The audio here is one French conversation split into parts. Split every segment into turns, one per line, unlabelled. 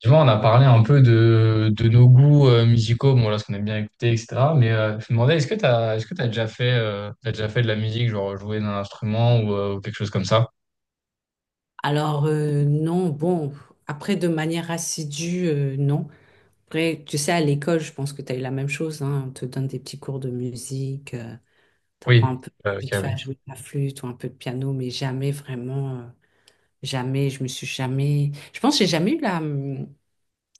Tu vois, on a parlé un peu de nos goûts musicaux, bon là, ce qu'on aime bien écouter, etc. Mais je me demandais, est-ce que t'as déjà fait de la musique, genre jouer d'un instrument ou quelque chose comme ça?
Alors, non, bon, après, de manière assidue, non. Après, tu sais, à l'école, je pense que tu as eu la même chose, hein. On te donne des petits cours de musique, tu apprends un
Oui.
peu
Ok,
vite fait
oui.
à jouer de la flûte ou un peu de piano, mais jamais vraiment, jamais, je me suis jamais... Je pense que j'ai jamais eu la...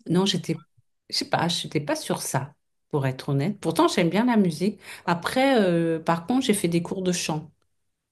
Non, j'étais, je sais pas, j'étais pas sur ça, pour être honnête. Pourtant, j'aime bien la musique. Après, par contre, j'ai fait des cours de chant.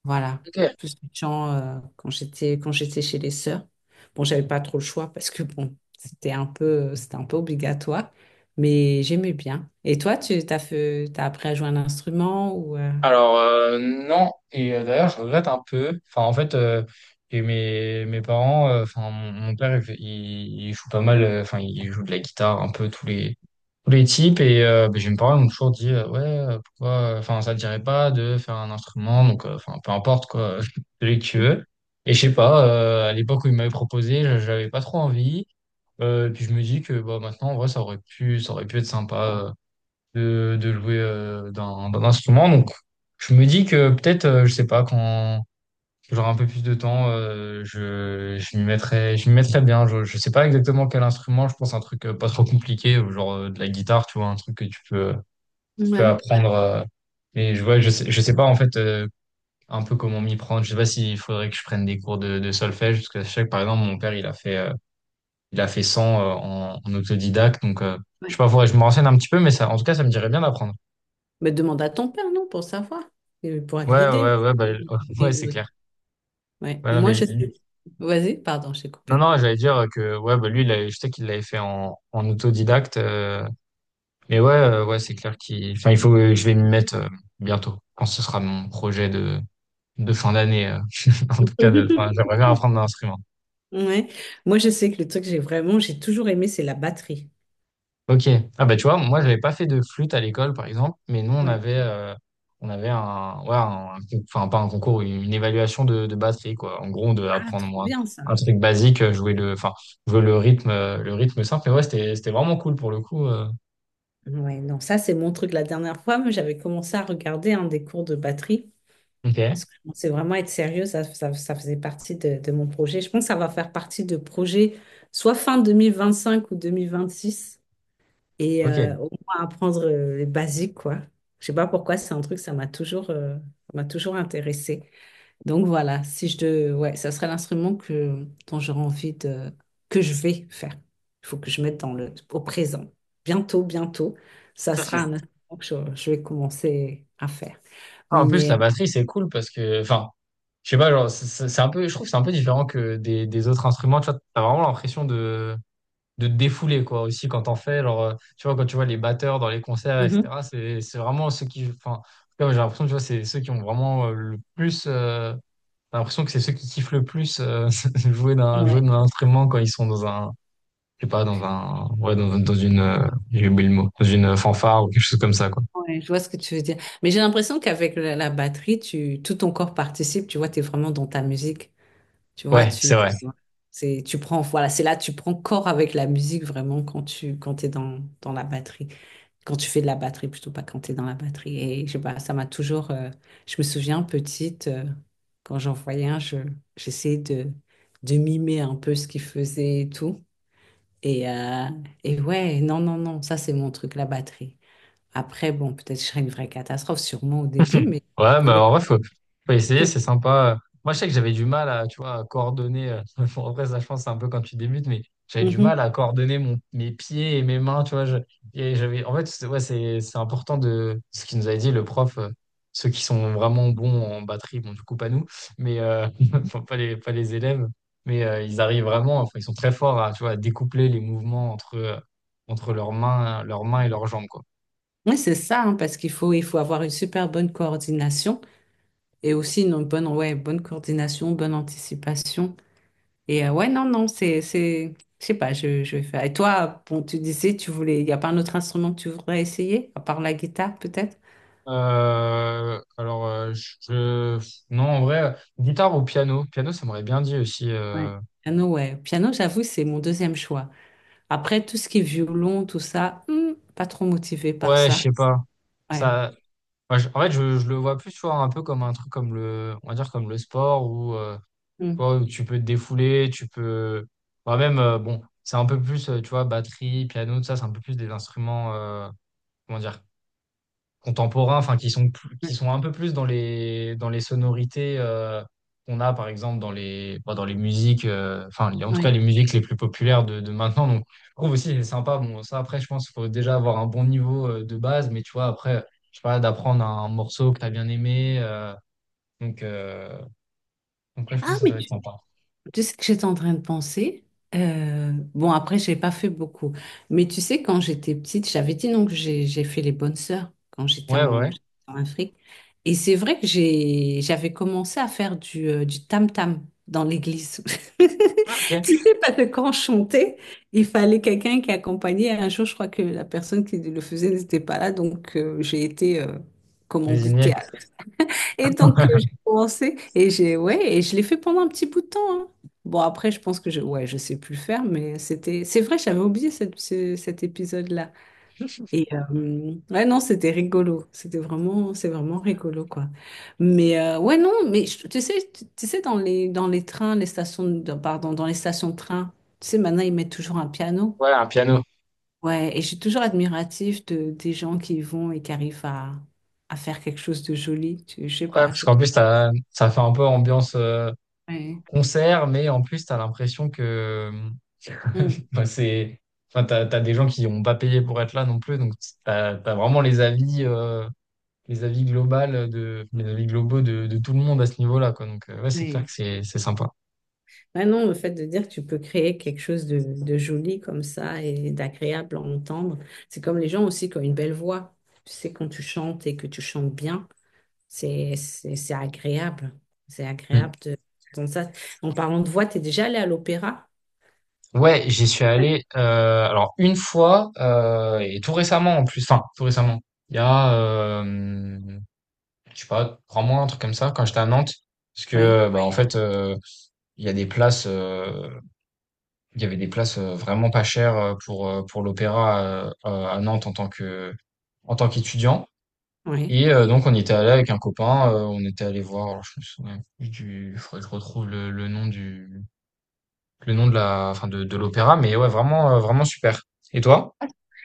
Voilà,
Ok.
plus de chant quand j'étais chez les sœurs. Bon, j'avais pas trop le choix parce que bon, c'était un peu obligatoire, mais j'aimais bien. Et toi, tu t'as fait t'as appris à jouer un instrument ou
Alors non, et d'ailleurs je regrette un peu. Enfin en fait, et mes parents, enfin mon père, il joue pas mal, enfin il joue de la guitare un peu tous les types. Et ben, j'ai mes parents ils m'ont toujours dit ouais, pourquoi, enfin, ça te dirait pas de faire un instrument? Donc enfin, peu importe quoi celui que tu veux. Et je sais pas, à l'époque où ils m'avaient proposé, j'avais pas trop envie, et puis je me dis que bah maintenant en vrai, ça aurait pu être sympa, de jouer d'un instrument. Donc je me dis que peut-être, je sais pas quand. Genre un peu plus de temps, je m'y mettrais bien. Je sais pas exactement quel instrument, je pense un truc pas trop compliqué, genre de la guitare, tu vois, un truc que tu peux
Ouais,
apprendre. Mais ouais, je sais pas en fait, un peu comment m'y prendre. Je sais pas s'il faudrait que je prenne des cours de solfège, parce que je sais que par exemple mon père il a fait 100, en autodidacte, donc je sais
ouais.
pas, faudrait que je me renseigne un petit peu, mais ça, en tout cas, ça me dirait bien d'apprendre.
Mais demande à ton père, non, pour savoir, il pourra te
Ouais, ouais,
guider.
ouais, bah,
Lui, il
ouais,
est en
c'est
auto.
clair.
Ouais,
Ouais, non,
moi
mais
je sais. Vas-y, pardon, j'ai
non,
coupé.
non, j'allais dire que ouais, bah, lui, je sais qu'il l'avait fait en autodidacte. Mais ouais, ouais, c'est clair qu'il. Enfin, il faut que je vais m'y mettre bientôt, quand ce sera mon projet de fin d'année. En tout cas, enfin, j'aimerais bien apprendre un instrument.
Ouais, moi je sais que le truc que j'ai toujours aimé, c'est la batterie.
Ok. Ah bah tu vois, moi, j'avais pas fait de flûte à l'école, par exemple, mais nous, on
Ouais.
avait, euh, on avait un, ouais, enfin pas un concours, une évaluation de batterie, quoi. En gros, on devait
Ah,
apprendre,
trop
moi,
bien ça.
un truc basique, enfin, jouer le rythme, simple. Mais ouais, c'était vraiment cool pour le coup.
Ouais, non, ça c'est mon truc. La dernière fois, moi, j'avais commencé à regarder un des cours de batterie.
Ok.
Parce que je pensais vraiment être sérieux, ça faisait partie de mon projet. Je pense que ça va faire partie de projets soit fin 2025 ou 2026. Et
Ok.
au moins apprendre les basiques, quoi. Je sais pas pourquoi, c'est un truc, ça m'a toujours intéressé. Donc voilà, si je de, ouais, ça serait l'instrument que, dont j'aurais envie de... que je vais faire. Il faut que je mette dans le... au présent. Bientôt, bientôt, ça sera un instrument que je vais commencer à faire.
Ah, en plus, la
Mais
batterie, c'est cool parce que, enfin, je sais pas, genre, c'est un peu, je trouve que c'est un peu différent que des autres instruments. Tu vois, t'as vraiment l'impression de te défouler, quoi, aussi quand t'en fais. Genre, tu vois, quand tu vois les batteurs dans les concerts,
Mhm.
etc., c'est vraiment ceux qui, enfin, en tout cas, j'ai l'impression, tu vois, c'est ceux qui ont vraiment, le plus, t'as l'impression que c'est ceux qui kiffent le plus, jouer d'un, jouer
Ouais,
d'un instrument quand ils sont dans un, je sais pas, ouais, j'ai oublié le mot, dans une fanfare ou quelque chose comme ça, quoi.
ouais, je vois ce que tu veux dire. Mais j'ai l'impression qu'avec la batterie, tu... tout ton corps participe. Tu vois, tu es vraiment dans ta musique. Tu vois,
Ouais,
tu...
c'est vrai.
C'est, tu prends, voilà, c'est là, tu prends corps avec la musique vraiment quand t'es dans la batterie. Quand tu fais de la batterie, plutôt pas quand tu es dans la batterie. Et je sais pas, ça m'a toujours. Je me souviens petite, quand j'en voyais un, j'essayais de mimer un peu ce qu'il faisait et tout. Et, euh, et ouais, non, non, non, ça c'est mon truc, la batterie. Après, bon, peut-être je serais une vraie catastrophe, sûrement au début, mais
Ouais, mais
faut que-
en vrai, faut essayer, c'est sympa. Moi, je sais que j'avais du mal à, tu vois, à coordonner. Bon, après, ça, je pense, c'est un peu quand tu débutes, mais j'avais du mal
Mhm.
à coordonner mes pieds et mes mains, tu vois. Et j'avais, en fait, ouais, c'est important, de ce qu'il nous avait dit, le prof, ceux qui sont vraiment bons en batterie, bon, du coup, pas nous, mais enfin, pas les élèves, mais ils arrivent vraiment, enfin, ils sont très forts à, tu vois, à découpler les mouvements entre leurs mains, et leurs jambes, quoi.
Oui, c'est ça, hein, parce qu'il faut, il faut avoir une super bonne coordination et aussi une bonne, ouais, bonne coordination, bonne anticipation. Et ouais, non, non, je sais pas, je vais faire. Et toi, bon, tu disais, tu voulais, il n'y a pas un autre instrument que tu voudrais essayer, à part la guitare, peut-être?
Alors, non, en vrai, guitare ou piano. Piano, ça m'aurait bien dit aussi.
Ouais. Piano, ouais. Piano, j'avoue, c'est mon deuxième choix. Après, tout ce qui est violon, tout ça, pas trop motivée par
Ouais, je
ça.
sais pas.
Ouais.
Ça, moi, en fait, je le vois plus, tu vois, un peu comme un truc, on va dire, comme le sport, où, tu
Hmm.
vois, où tu peux te défouler, tu peux, bah, même, bon, c'est un peu plus, tu vois, batterie, piano, tout ça, c'est un peu plus des instruments, comment dire, contemporains, enfin, qui
Ouais.
sont un peu plus dans les sonorités qu'on a par exemple dans les musiques, enfin, en tout cas
Ouais.
les musiques les plus populaires de maintenant. Donc je trouve aussi c'est sympa. Bon, ça, après, je pense qu'il faut déjà avoir un bon niveau, de base, mais tu vois après, je sais pas, d'apprendre un morceau que t'as bien aimé. Donc euh, donc ouais, je pense que ça doit être sympa.
Tu sais que j'étais en train de penser. Bon, après, j'ai pas fait beaucoup. Mais tu sais, quand j'étais petite, j'avais dit non que j'ai fait les bonnes sœurs quand
Ouais, ouais.
j'étais en Afrique. Et c'est vrai que j'avais commencé à faire du tam-tam dans l'église.
Ah, ok.
Tu sais, parce que quand je chantais, il fallait quelqu'un qui accompagnait. Un jour, je crois que la personne qui le faisait n'était pas là, donc j'ai été commanditée,
Désigné.
et donc, j'ai commencé et j'ai, ouais, et je l'ai fait pendant un petit bout de temps, hein. Bon, après, je pense que je, ouais, je sais plus faire, mais c'était, c'est vrai, j'avais oublié cet épisode-là. Et ouais, non, c'était rigolo. C'était vraiment, c'est vraiment rigolo, quoi. Mais ouais, non, mais tu sais, tu sais, dans les trains, les stations, de- dans- pardon, dans les stations de train, tu sais, maintenant, ils mettent toujours un piano.
Ouais, un piano.
Ouais, et je suis toujours admiratif des gens qui y vont et qui arrivent à faire quelque chose de joli. Tu, je sais
Ouais,
pas,
parce
je.
qu'en plus ça fait un peu ambiance,
Ouais.
concert, mais en plus t'as l'impression que,
Mm.
enfin, c'est, enfin, t'as des gens qui n'ont pas payé pour être là non plus, donc t'as vraiment les avis, les avis globaux de tout le monde à ce niveau-là, quoi. Donc, ouais, c'est clair
Ouais.
que c'est sympa.
Ouais, non, le fait de dire que tu peux créer quelque chose de joli comme ça et d'agréable à entendre, c'est comme les gens aussi qui ont une belle voix. Tu sais, quand tu chantes et que tu chantes bien, c'est agréable. C'est
Mm.
agréable d'entendre ça. En parlant de voix, tu es déjà allé à l'opéra?
Ouais, j'y suis allé, alors, une fois, et tout récemment en plus, enfin, tout récemment. Il y a, je sais pas, 3 mois, un truc comme ça, quand j'étais à Nantes. Parce
Oui,
que, bah, en, oui, fait, il y a des places. Il y avait des places, vraiment pas chères, pour l'opéra, à Nantes, en tant qu'étudiant,
oui.
et donc on y était allé avec un copain. On était allé voir, alors je me souviens plus du il faudrait que je retrouve le nom du le nom de la enfin de l'opéra, mais ouais, vraiment super. Et toi?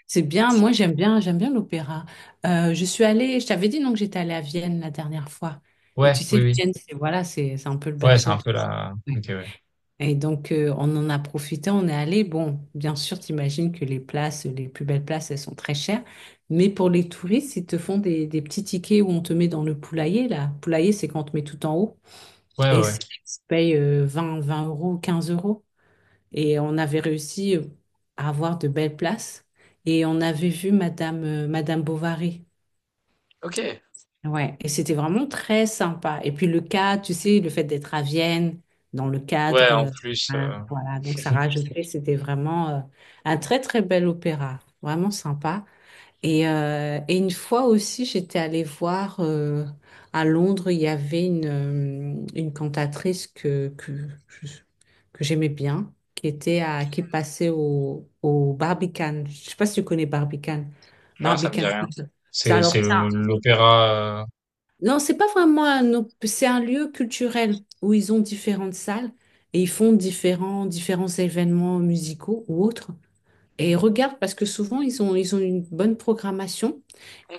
C'est bien, moi j'aime bien l'opéra. Je suis allée, je t'avais dit non que j'étais allée à Vienne la dernière fois. Et
Ouais,
tu
oui,
sais,
oui.
Vienne, c'est voilà, c'est un peu le
Ouais, c'est
berceau
un
de,
peu la ok, ouais.
et donc, on en a profité, on est allé. Bon, bien sûr, t'imagines que les places, les plus belles places, elles sont très chères. Mais pour les touristes, ils te font des petits tickets où on te met dans le poulailler, là. Poulailler, c'est quand on te met tout en haut.
Ouais, ouais,
Et
ouais.
c'est, tu payes 20, 20 euros, 15 euros. Et on avait réussi à avoir de belles places. Et on avait vu Madame Bovary.
OK.
Ouais, et c'était vraiment très sympa. Et puis le cadre, tu sais, le fait d'être à Vienne, dans le
Ouais,
cadre,
en plus,
voilà, voilà. Donc ça rajoutait, c'était vraiment un très très bel opéra, vraiment sympa. Et, une fois aussi, j'étais allée voir à Londres, il y avait une cantatrice je- que j'aimais bien, qui était qui passait au Barbican. Je sais pas si tu connais Barbican.
non, ça me
Barbican.
dit rien.
Ça,
C'est
alors,
c'est le l'opéra,
non, c'est pas vraiment c'est un lieu culturel où ils ont différentes salles et ils font différents événements musicaux ou autres. Et regarde parce que souvent ils ont une bonne programmation.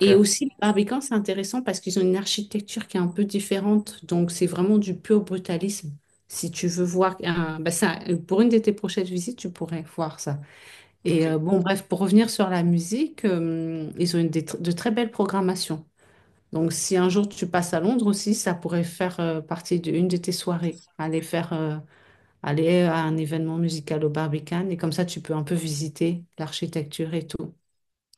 Et aussi, le Barbican, c'est intéressant parce qu'ils ont une architecture qui est un peu différente. Donc, c'est vraiment du pur brutalisme. Si tu veux voir, bah ça, pour une de tes prochaines visites, tu pourrais voir ça. Et
ok,
bon, bref, pour revenir sur la musique, ils ont de très belles programmations. Donc, si un jour tu passes à Londres aussi, ça pourrait faire partie d'une de tes soirées. Aller à un événement musical au Barbican et comme ça, tu peux un peu visiter l'architecture et tout.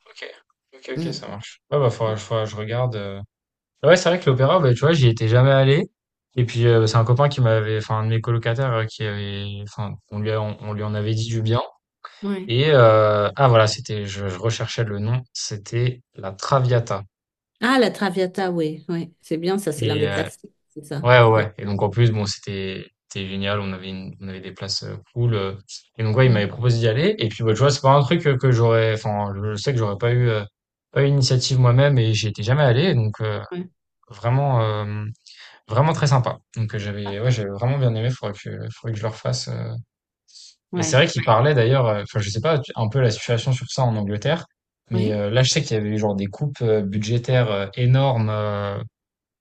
ok. OK, ok,
Mm.
ça marche. Ouais, bah, faudra que je regarde. Ouais, c'est vrai que l'opéra, bah, tu vois, j'y étais jamais allé. Et puis, c'est un copain qui m'avait, enfin, un de mes colocataires, qui avait, enfin, on lui en avait dit du bien.
Oui.
Et, ah, voilà, c'était, je recherchais le nom, c'était la Traviata.
Ah, la Traviata, oui, oui. C'est bien, ça, c'est l'un
Et,
des classiques, c'est ça.
ouais, ouais,
Oui.
ouais. Et donc, en plus, bon, c'était génial, on avait des places cool. Et donc, ouais, il
Mm.
m'avait proposé d'y aller. Et puis, bah, tu vois, c'est pas un truc que j'aurais, enfin, je sais que j'aurais pas eu, pas eu l'initiative moi-même, et j'y étais jamais allé. Donc,
Ouais.
vraiment, euh, Vraiment très sympa. Donc, j'avais,
Ah.
ouais, j'avais vraiment bien aimé, faudrait que je le refasse. Et c'est
Ouais.
vrai qu'il, ouais, parlait d'ailleurs, enfin, je sais pas, tu, un peu, la situation sur ça en Angleterre, mais
Oui.
là, je sais qu'il y avait eu genre des coupes, budgétaires, énormes,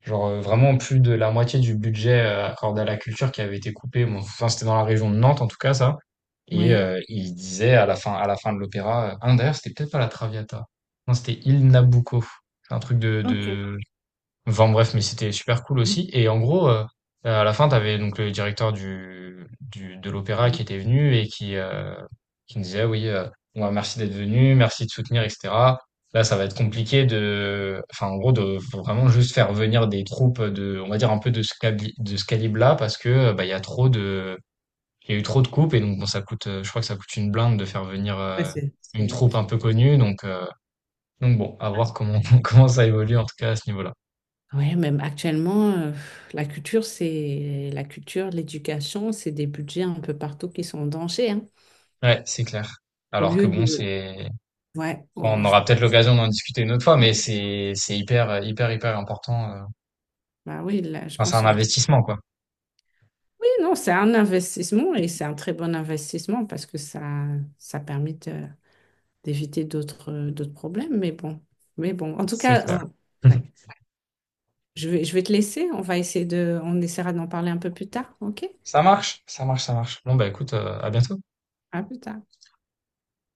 genre, vraiment plus de la moitié du budget accordé à la culture qui avait été coupé. Bon, enfin, c'était dans la région de Nantes, en tout cas, ça. Et
Oui.
il disait à la fin de l'opéra, ah d'ailleurs, c'était peut-être pas la Traviata. Non, c'était Il Nabucco. C'est un truc de
Ok.
de enfin bref, mais c'était super cool
Mm.
aussi. Et en gros, à la fin, t'avais donc le directeur du de l'opéra qui était venu et qui me disait: ah «Oui, bon, bah, merci d'être venu, merci de soutenir, et cetera. Là, ça va être compliqué de» enfin, en gros, de faut vraiment juste faire venir des troupes, de, on va dire, un peu de ce cabli de ce calibre-là, parce que, bah, il y a eu trop de coupes et donc bon, ça coûte, je crois que ça coûte une blinde de faire venir,
Ouais,
une
c'est vrai.
troupe un peu connue, donc bon, à voir comment comment ça évolue en tout cas à ce niveau-là.
Oui, même actuellement, la culture, c'est la culture, l'éducation, c'est des budgets un peu partout qui sont en danger, hein.
Ouais, c'est clair.
Au
Alors que
lieu
bon,
de,
c'est,
ouais,
enfin,
oh,
on aura peut-être l'occasion d'en discuter une autre fois, mais c'est, hyper, hyper, hyper important.
bah oui, là, je
Enfin, c'est
pense que
un
ça aurait été-
investissement, quoi.
Oui, non, c'est un investissement et c'est un très bon investissement parce que ça permet d'éviter d'autres d'autres problèmes. Mais bon, en tout
C'est
cas,
clair.
ouais. Je vais te laisser. On va on essaiera d'en parler un peu plus tard, ok?
Ça marche, ça marche, ça marche. Bon, bah écoute, à bientôt.
À plus tard.